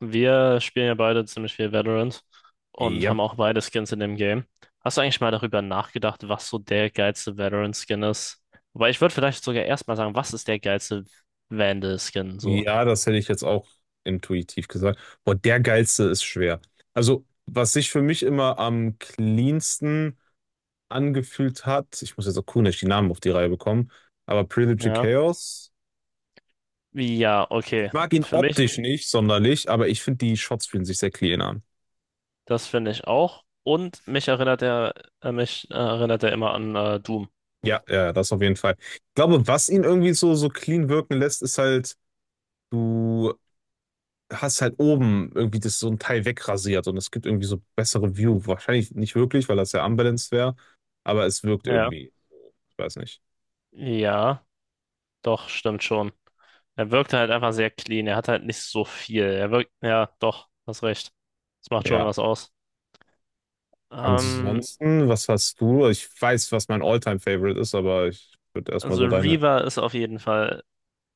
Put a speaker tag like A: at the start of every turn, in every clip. A: Wir spielen ja beide ziemlich viel Valorant und
B: Ja,
A: haben auch beide Skins in dem Game. Hast du eigentlich mal darüber nachgedacht, was so der geilste Valorant-Skin ist? Wobei, ich würde vielleicht sogar erstmal sagen, was ist der geilste Vandal-Skin so?
B: ja, das hätte ich jetzt auch intuitiv gesagt. Boah, der geilste ist schwer. Also, was sich für mich immer am cleansten angefühlt hat, ich muss jetzt auch cool nicht die Namen auf die Reihe bekommen, aber Predator
A: Ja.
B: Chaos,
A: Ja, okay.
B: ich mag ihn
A: Für mich,
B: optisch nicht sonderlich, aber ich finde, die Shots fühlen sich sehr clean an.
A: das finde ich auch. Und mich erinnert er immer an Doom.
B: Ja, ja, das auf jeden Fall. Ich glaube, was ihn irgendwie so, so clean wirken lässt, ist halt, du hast halt oben irgendwie das so ein Teil wegrasiert und es gibt irgendwie so bessere View. Wahrscheinlich nicht wirklich, weil das ja unbalanced wäre, aber es wirkt
A: Ja.
B: irgendwie. Ich weiß nicht.
A: Ja, doch, stimmt schon. Er wirkt halt einfach sehr clean. Er hat halt nicht so viel. Er wirkt, ja, doch, hast recht. Das macht schon
B: Ja.
A: was aus. Ähm,
B: Ansonsten, was hast du? Ich weiß, was mein All-Time-Favorite ist, aber ich würde erstmal
A: Also
B: so deine.
A: Reaver ist auf jeden Fall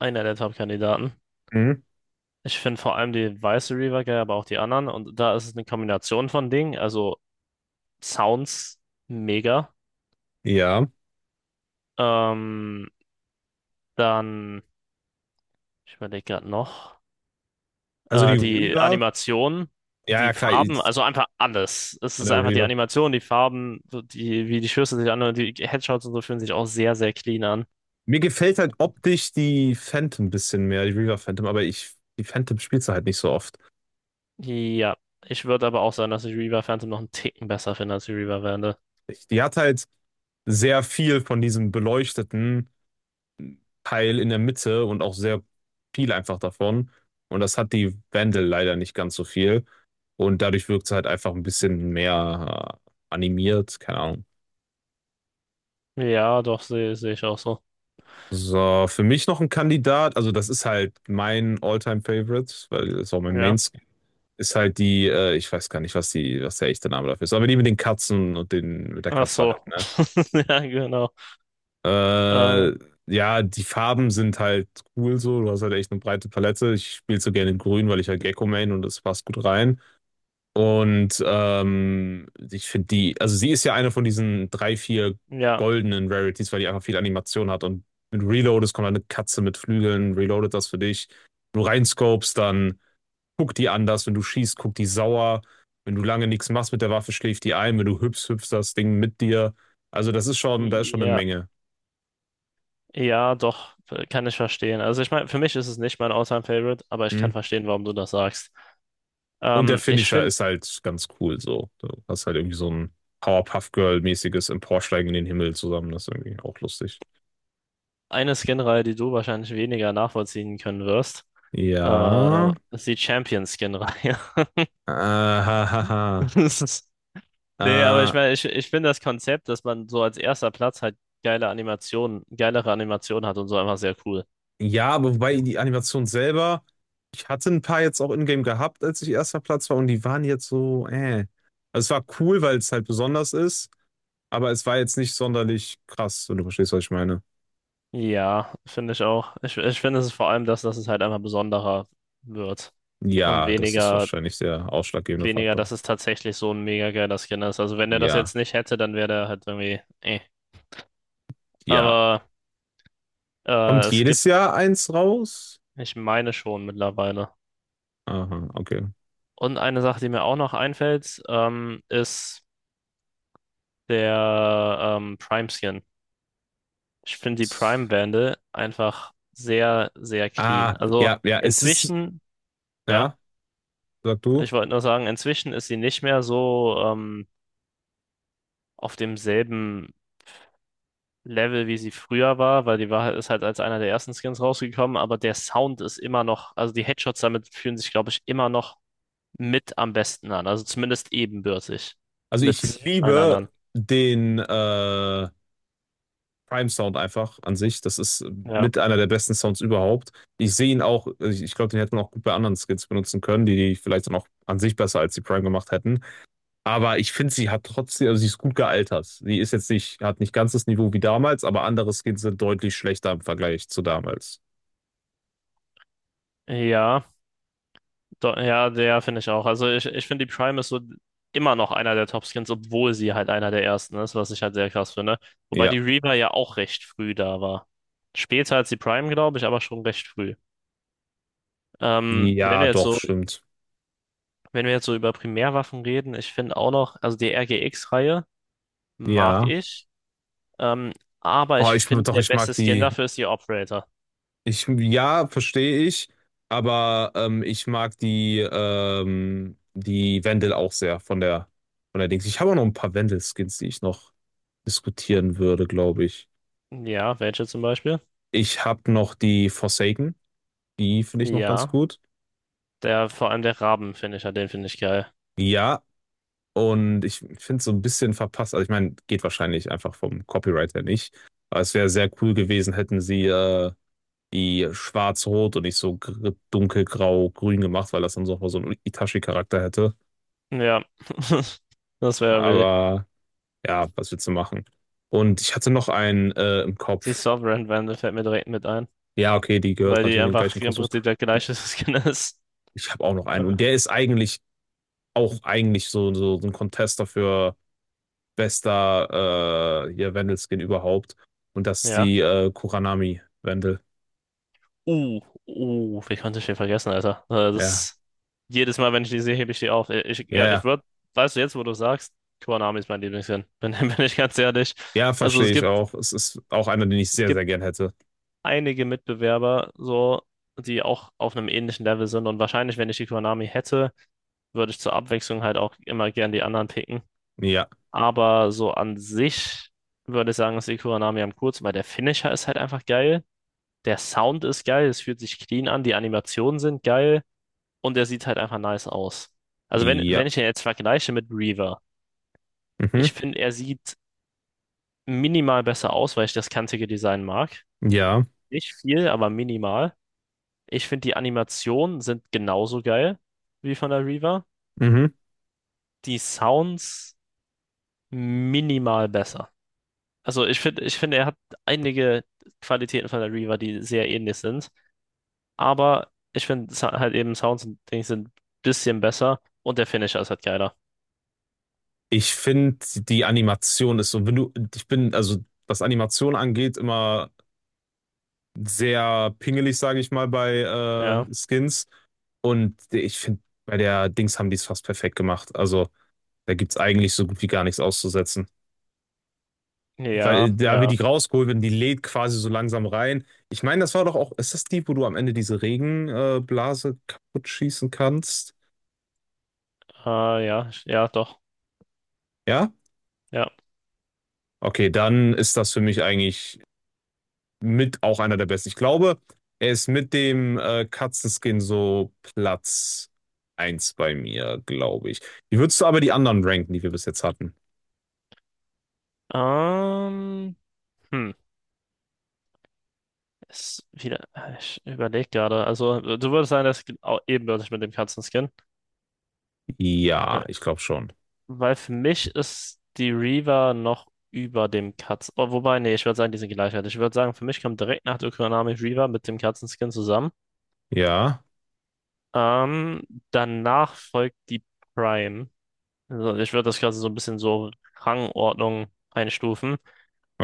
A: einer der Top-Kandidaten.
B: Mhm.
A: Ich finde vor allem die weiße Reaver geil, aber auch die anderen. Und da ist es eine Kombination von Dingen. Also Sounds mega.
B: Ja.
A: Ähm, dann, ich überlege gerade noch,
B: Also die
A: die
B: Reaver.
A: Animation,
B: Ja,
A: die
B: ja, klar.
A: Farben, also einfach alles. Es ist
B: Eine
A: einfach die
B: Reaver.
A: Animation, die Farben, so die, wie die Schüsse sich anhören, die Headshots und so fühlen sich auch sehr, sehr clean an.
B: Mir gefällt halt optisch die Phantom ein bisschen mehr, die Reaver Phantom, aber die Phantom spielst du halt nicht so oft.
A: Ja, ich würde aber auch sagen, dass ich Reaver Phantom noch einen Ticken besser finde als die Reaver Wende.
B: Die hat halt sehr viel von diesem beleuchteten Teil in der Mitte und auch sehr viel einfach davon. Und das hat die Vandal leider nicht ganz so viel. Und dadurch wirkt sie halt einfach ein bisschen mehr animiert, keine Ahnung.
A: Ja, doch, sehe ich auch so.
B: So, für mich noch ein Kandidat, also das ist halt mein All-Time-Favorite, weil das ist auch mein
A: Ja,
B: Mainstream, ist halt die, ich weiß gar nicht, was die, was der echte Name dafür ist, aber die mit den Katzen und den, mit der
A: ach
B: Katze halt,
A: so.
B: ne?
A: Ja, genau. Äh,
B: Äh, ja, die Farben sind halt cool so, du hast halt echt eine breite Palette. Ich spiele so gerne in Grün, weil ich halt Gecko main und das passt gut rein. Und ich finde die, also sie ist ja eine von diesen drei, vier
A: ja,
B: goldenen Rarities, weil die einfach viel Animation hat. Und mit Reload, es kommt eine Katze mit Flügeln, reloadet das für dich. Wenn du reinscopest, dann guckt die anders. Wenn du schießt, guckt die sauer. Wenn du lange nichts machst mit der Waffe, schläft die ein. Wenn du hüpfst, hüpft das Ding mit dir. Also das ist schon, da ist schon eine
A: ja,
B: Menge.
A: ja, doch, kann ich verstehen. Also ich meine, für mich ist es nicht mein All-Time-Favorite, aber ich
B: Hm?
A: kann verstehen, warum du das sagst.
B: Und der
A: Ich
B: Finisher
A: finde,
B: ist halt ganz cool so. Du hast halt irgendwie so ein Powerpuff Girl-mäßiges Emporsteigen in den Himmel zusammen. Das ist irgendwie auch lustig.
A: eine Skin-Reihe, die du wahrscheinlich weniger nachvollziehen können wirst,
B: Ja.
A: ist die Champion-Skin-Reihe.
B: Ha, ha,
A: Das ist- Nee, aber ich
B: ha.
A: meine, ich finde das Konzept, dass man so als erster Platz halt geile Animationen, geilere Animationen hat und so, einfach sehr cool.
B: Ja, aber wobei die Animation selber, ich hatte ein paar jetzt auch in-game gehabt, als ich erster Platz war und die waren jetzt so. Also es war cool, weil es halt besonders ist, aber es war jetzt nicht sonderlich krass, wenn du verstehst, was ich meine.
A: Ja, finde ich auch. Ich finde, es ist vor allem das, dass es halt einfach besonderer wird und
B: Ja, das ist
A: weniger,
B: wahrscheinlich der ausschlaggebende
A: weniger,
B: Faktor.
A: dass es tatsächlich so ein mega geiler Skin ist. Also wenn er das
B: Ja,
A: jetzt nicht hätte, dann wäre der halt irgendwie, eh.
B: ja.
A: Aber
B: Kommt
A: es gibt,
B: jedes Jahr eins raus?
A: ich meine schon mittlerweile.
B: Aha, okay.
A: Und eine Sache, die mir auch noch einfällt, ist der Prime Skin. Ich finde die Prime Bande einfach sehr, sehr clean.
B: Ah,
A: Also
B: ja, ja, es ist,
A: inzwischen, ja,
B: ja, sag du.
A: ich wollte nur sagen, inzwischen ist sie nicht mehr so. Auf demselben Level, wie sie früher war, weil die war halt, ist halt als einer der ersten Skins rausgekommen, aber der Sound ist immer noch, also die Headshots damit fühlen sich, glaube ich, immer noch mit am besten an, also zumindest ebenbürtig
B: Also ich
A: mit allen
B: liebe
A: anderen.
B: den Prime Sound einfach an sich. Das ist
A: Ja.
B: mit einer der besten Sounds überhaupt. Ich sehe ihn auch, also ich glaube, den hätte man auch gut bei anderen Skins benutzen können, die, die vielleicht dann auch an sich besser als die Prime gemacht hätten. Aber ich finde, sie hat trotzdem, also sie ist gut gealtert. Sie ist jetzt nicht, hat nicht ganz das Niveau wie damals, aber andere Skins sind deutlich schlechter im Vergleich zu damals.
A: Ja, do, ja, der finde ich auch. Also ich finde, die Prime ist so immer noch einer der Top-Skins, obwohl sie halt einer der ersten ist, was ich halt sehr krass finde. Wobei
B: Ja.
A: die Reaver ja auch recht früh da war. Später als die Prime, glaube ich, aber schon recht früh. Wenn du
B: Ja,
A: jetzt
B: doch,
A: so,
B: stimmt.
A: wenn wir jetzt so über Primärwaffen reden, ich finde auch noch, also die RGX-Reihe mag
B: Ja.
A: ich, ähm, aber
B: Oh,
A: ich
B: ich,
A: finde,
B: doch,
A: der
B: ich
A: beste
B: mag
A: Skin
B: die,
A: dafür ist die Operator.
B: Ich, ja, verstehe ich, aber ich mag die, die Wendel auch sehr von der Dings. Ich habe auch noch ein paar Wendel-Skins, die ich noch diskutieren würde, glaube ich.
A: Ja, welche zum Beispiel?
B: Ich habe noch die Forsaken, die finde ich noch ganz
A: Ja,
B: gut.
A: der, vor allem der Raben-Finisher, den finde ich geil.
B: Ja, und ich finde es so ein bisschen verpasst. Also ich meine, geht wahrscheinlich einfach vom Copyright her nicht. Aber es wäre sehr cool gewesen, hätten sie die schwarz-rot und nicht so gr- dunkelgrau-grün gemacht, weil das dann so, so einen Itachi-Charakter hätte.
A: Ja, das wäre irgendwie
B: Aber ja, was willst du machen? Und ich hatte noch einen im
A: die
B: Kopf.
A: Sovereign Wand, fällt mir direkt mit ein,
B: Ja, okay, die gehört
A: weil die
B: natürlich in den gleichen
A: einfach im
B: Kosmos.
A: Prinzip der gleiche Skin ist.
B: Ich habe auch noch einen.
A: Äh.
B: Und der ist eigentlich auch eigentlich so, so, so ein Contester für bester hier Wendelskin überhaupt. Und das ist
A: Ja.
B: die Kuranami Wendel.
A: Uh, wie konnte ich den vergessen, Alter?
B: Ja,
A: Das, jedes Mal, wenn ich die sehe, hebe ich die auf. Ich,
B: ja,
A: ja, ich
B: ja.
A: würde, weißt du, jetzt, wo du sagst, Konami ist mein Lieblingsskin. Bin, bin ich ganz ehrlich.
B: Ja,
A: Also
B: verstehe ich auch. Es ist auch einer, den ich
A: es
B: sehr,
A: gibt
B: sehr gern hätte.
A: einige Mitbewerber, so, die auch auf einem ähnlichen Level sind. Und wahrscheinlich, wenn ich die Konami hätte, würde ich zur Abwechslung halt auch immer gern die anderen picken.
B: Ja,
A: Aber so an sich würde ich sagen, ist die Konami am kurz, weil der Finisher ist halt einfach geil. Der Sound ist geil, es fühlt sich clean an, die Animationen sind geil und er sieht halt einfach nice aus. Also wenn,
B: ja.
A: wenn ich ihn jetzt vergleiche mit Reaver, ich
B: Mhm.
A: finde, er sieht minimal besser aus, weil ich das kantige Design mag.
B: Ja.
A: Nicht viel, aber minimal. Ich finde, die Animationen sind genauso geil wie von der Reaver.
B: Mhm.
A: Die Sounds minimal besser. Also ich finde, er hat einige Qualitäten von der Reaver, die sehr ähnlich sind. Aber ich finde sa- halt eben Sounds und Dings sind ein bisschen besser und der Finisher ist halt geiler.
B: Ich finde, die Animation ist so, wenn du, ich bin, also was Animation angeht, immer sehr pingelig, sage ich mal, bei
A: Ja,
B: Skins. Und ich finde, bei der Dings haben die es fast perfekt gemacht. Also da gibt es eigentlich so gut wie gar nichts auszusetzen.
A: ja,
B: Weil da wird die
A: ja.
B: rausgeholt werden, die lädt quasi so langsam rein. Ich meine, das war doch auch, ist das die, wo du am Ende diese Regenblase kaputt schießen kannst?
A: Ah, ja, ja, doch.
B: Ja?
A: Ja.
B: Okay, dann ist das für mich eigentlich mit auch einer der besten. Ich glaube, er ist mit dem Katzenskin so Platz eins bei mir, glaube ich. Wie würdest du aber die anderen ranken, die wir bis jetzt hatten?
A: Ähm, hm, ist wieder, ich überlege gerade. Also, du würdest sagen, das geht auch ebenbürtig mit dem Katzenskin. Äh,
B: Ja, ich glaube schon.
A: Weil für mich ist die Reaver noch über dem Katzen. Oh, wobei, nee, ich würde sagen, die sind gleichwertig. Ich würde sagen, für mich kommt direkt nach der Kuranami Reaver mit dem Katzenskin zusammen.
B: Ja,
A: Ähm, danach folgt die Prime. Also, ich würde das quasi so ein bisschen so Rangordnung einstufen,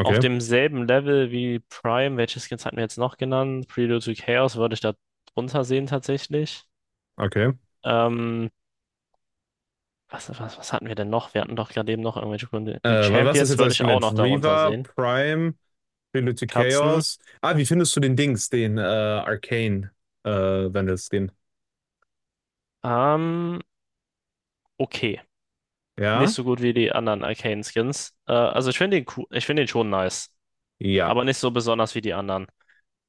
A: auf demselben Level wie Prime. Welche Skins hatten wir jetzt noch genannt? Prelude to Chaos würde ich da drunter sehen, tatsächlich.
B: okay.
A: Ähm, was hatten wir denn noch? Wir hatten doch gerade eben noch irgendwelche Gründe. Die
B: Was ist
A: Champions
B: jetzt
A: würde
B: alles
A: ich auch
B: gelernt?
A: noch darunter
B: Reaver,
A: sehen.
B: Prime, Prelude to
A: Katzen.
B: Chaos. Ah, wie findest du den Dings, den Arcane äh, Vandal Skin?
A: Ähm, okay. Nicht
B: Ja?
A: so gut wie die anderen Arcane Skins. Also ich finde den, cool- ich finde den schon nice.
B: Ja.
A: Aber nicht so besonders wie die anderen.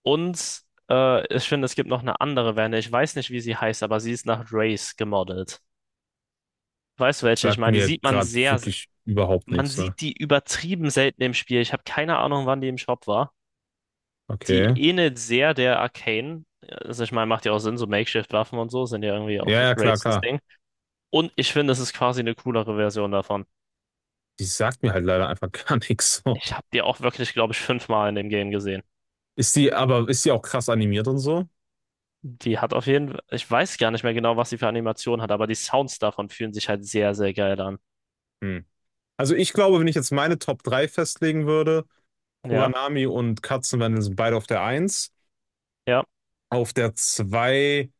A: Und ich finde, es gibt noch eine andere Wende. Ich weiß nicht, wie sie heißt, aber sie ist nach Race gemodelt. Weißt du welche? Ich
B: Sagt
A: meine, die
B: mir
A: sieht man
B: gerade
A: sehr,
B: wirklich überhaupt
A: man
B: nichts, ne?
A: sieht die übertrieben selten im Spiel. Ich habe keine Ahnung, wann die im Shop war. Die
B: Okay.
A: ähnelt sehr der Arcane. Also ich meine, macht ja auch Sinn, so Makeshift-Waffen und so sind ja irgendwie auch
B: Ja,
A: so
B: ja, klar,
A: races
B: klar.
A: Ding. Und ich finde, es ist quasi eine coolere Version davon.
B: Die sagt mir halt leider einfach gar nichts so.
A: Ich habe die auch wirklich, glaube ich, 5-mal in dem Game gesehen.
B: Ist die, aber ist die auch krass animiert und so?
A: Die hat auf jeden Fall, ich weiß gar nicht mehr genau, was sie für Animationen hat, aber die Sounds davon fühlen sich halt sehr, sehr geil an.
B: Hm. Also ich glaube, wenn ich jetzt meine Top 3 festlegen würde,
A: Ja,
B: Kuranami und Katzenwandel sind beide auf der eins.
A: ja,
B: Auf der 2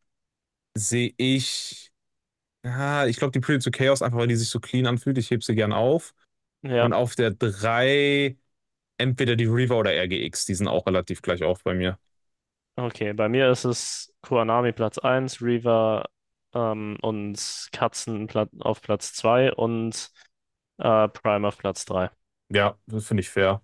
B: sehe ich, ja, ich glaube die Pretty to Chaos, einfach weil die sich so clean anfühlt. Ich hebe sie gern auf.
A: ja.
B: Und auf der 3 entweder die Reaver oder RGX, die sind auch relativ gleich auf bei mir.
A: Okay, bei mir ist es Kuanami Platz eins, Reaver und Katzen Pla- auf Platz 2 und Prime auf Platz 3.
B: Ja, das finde ich fair.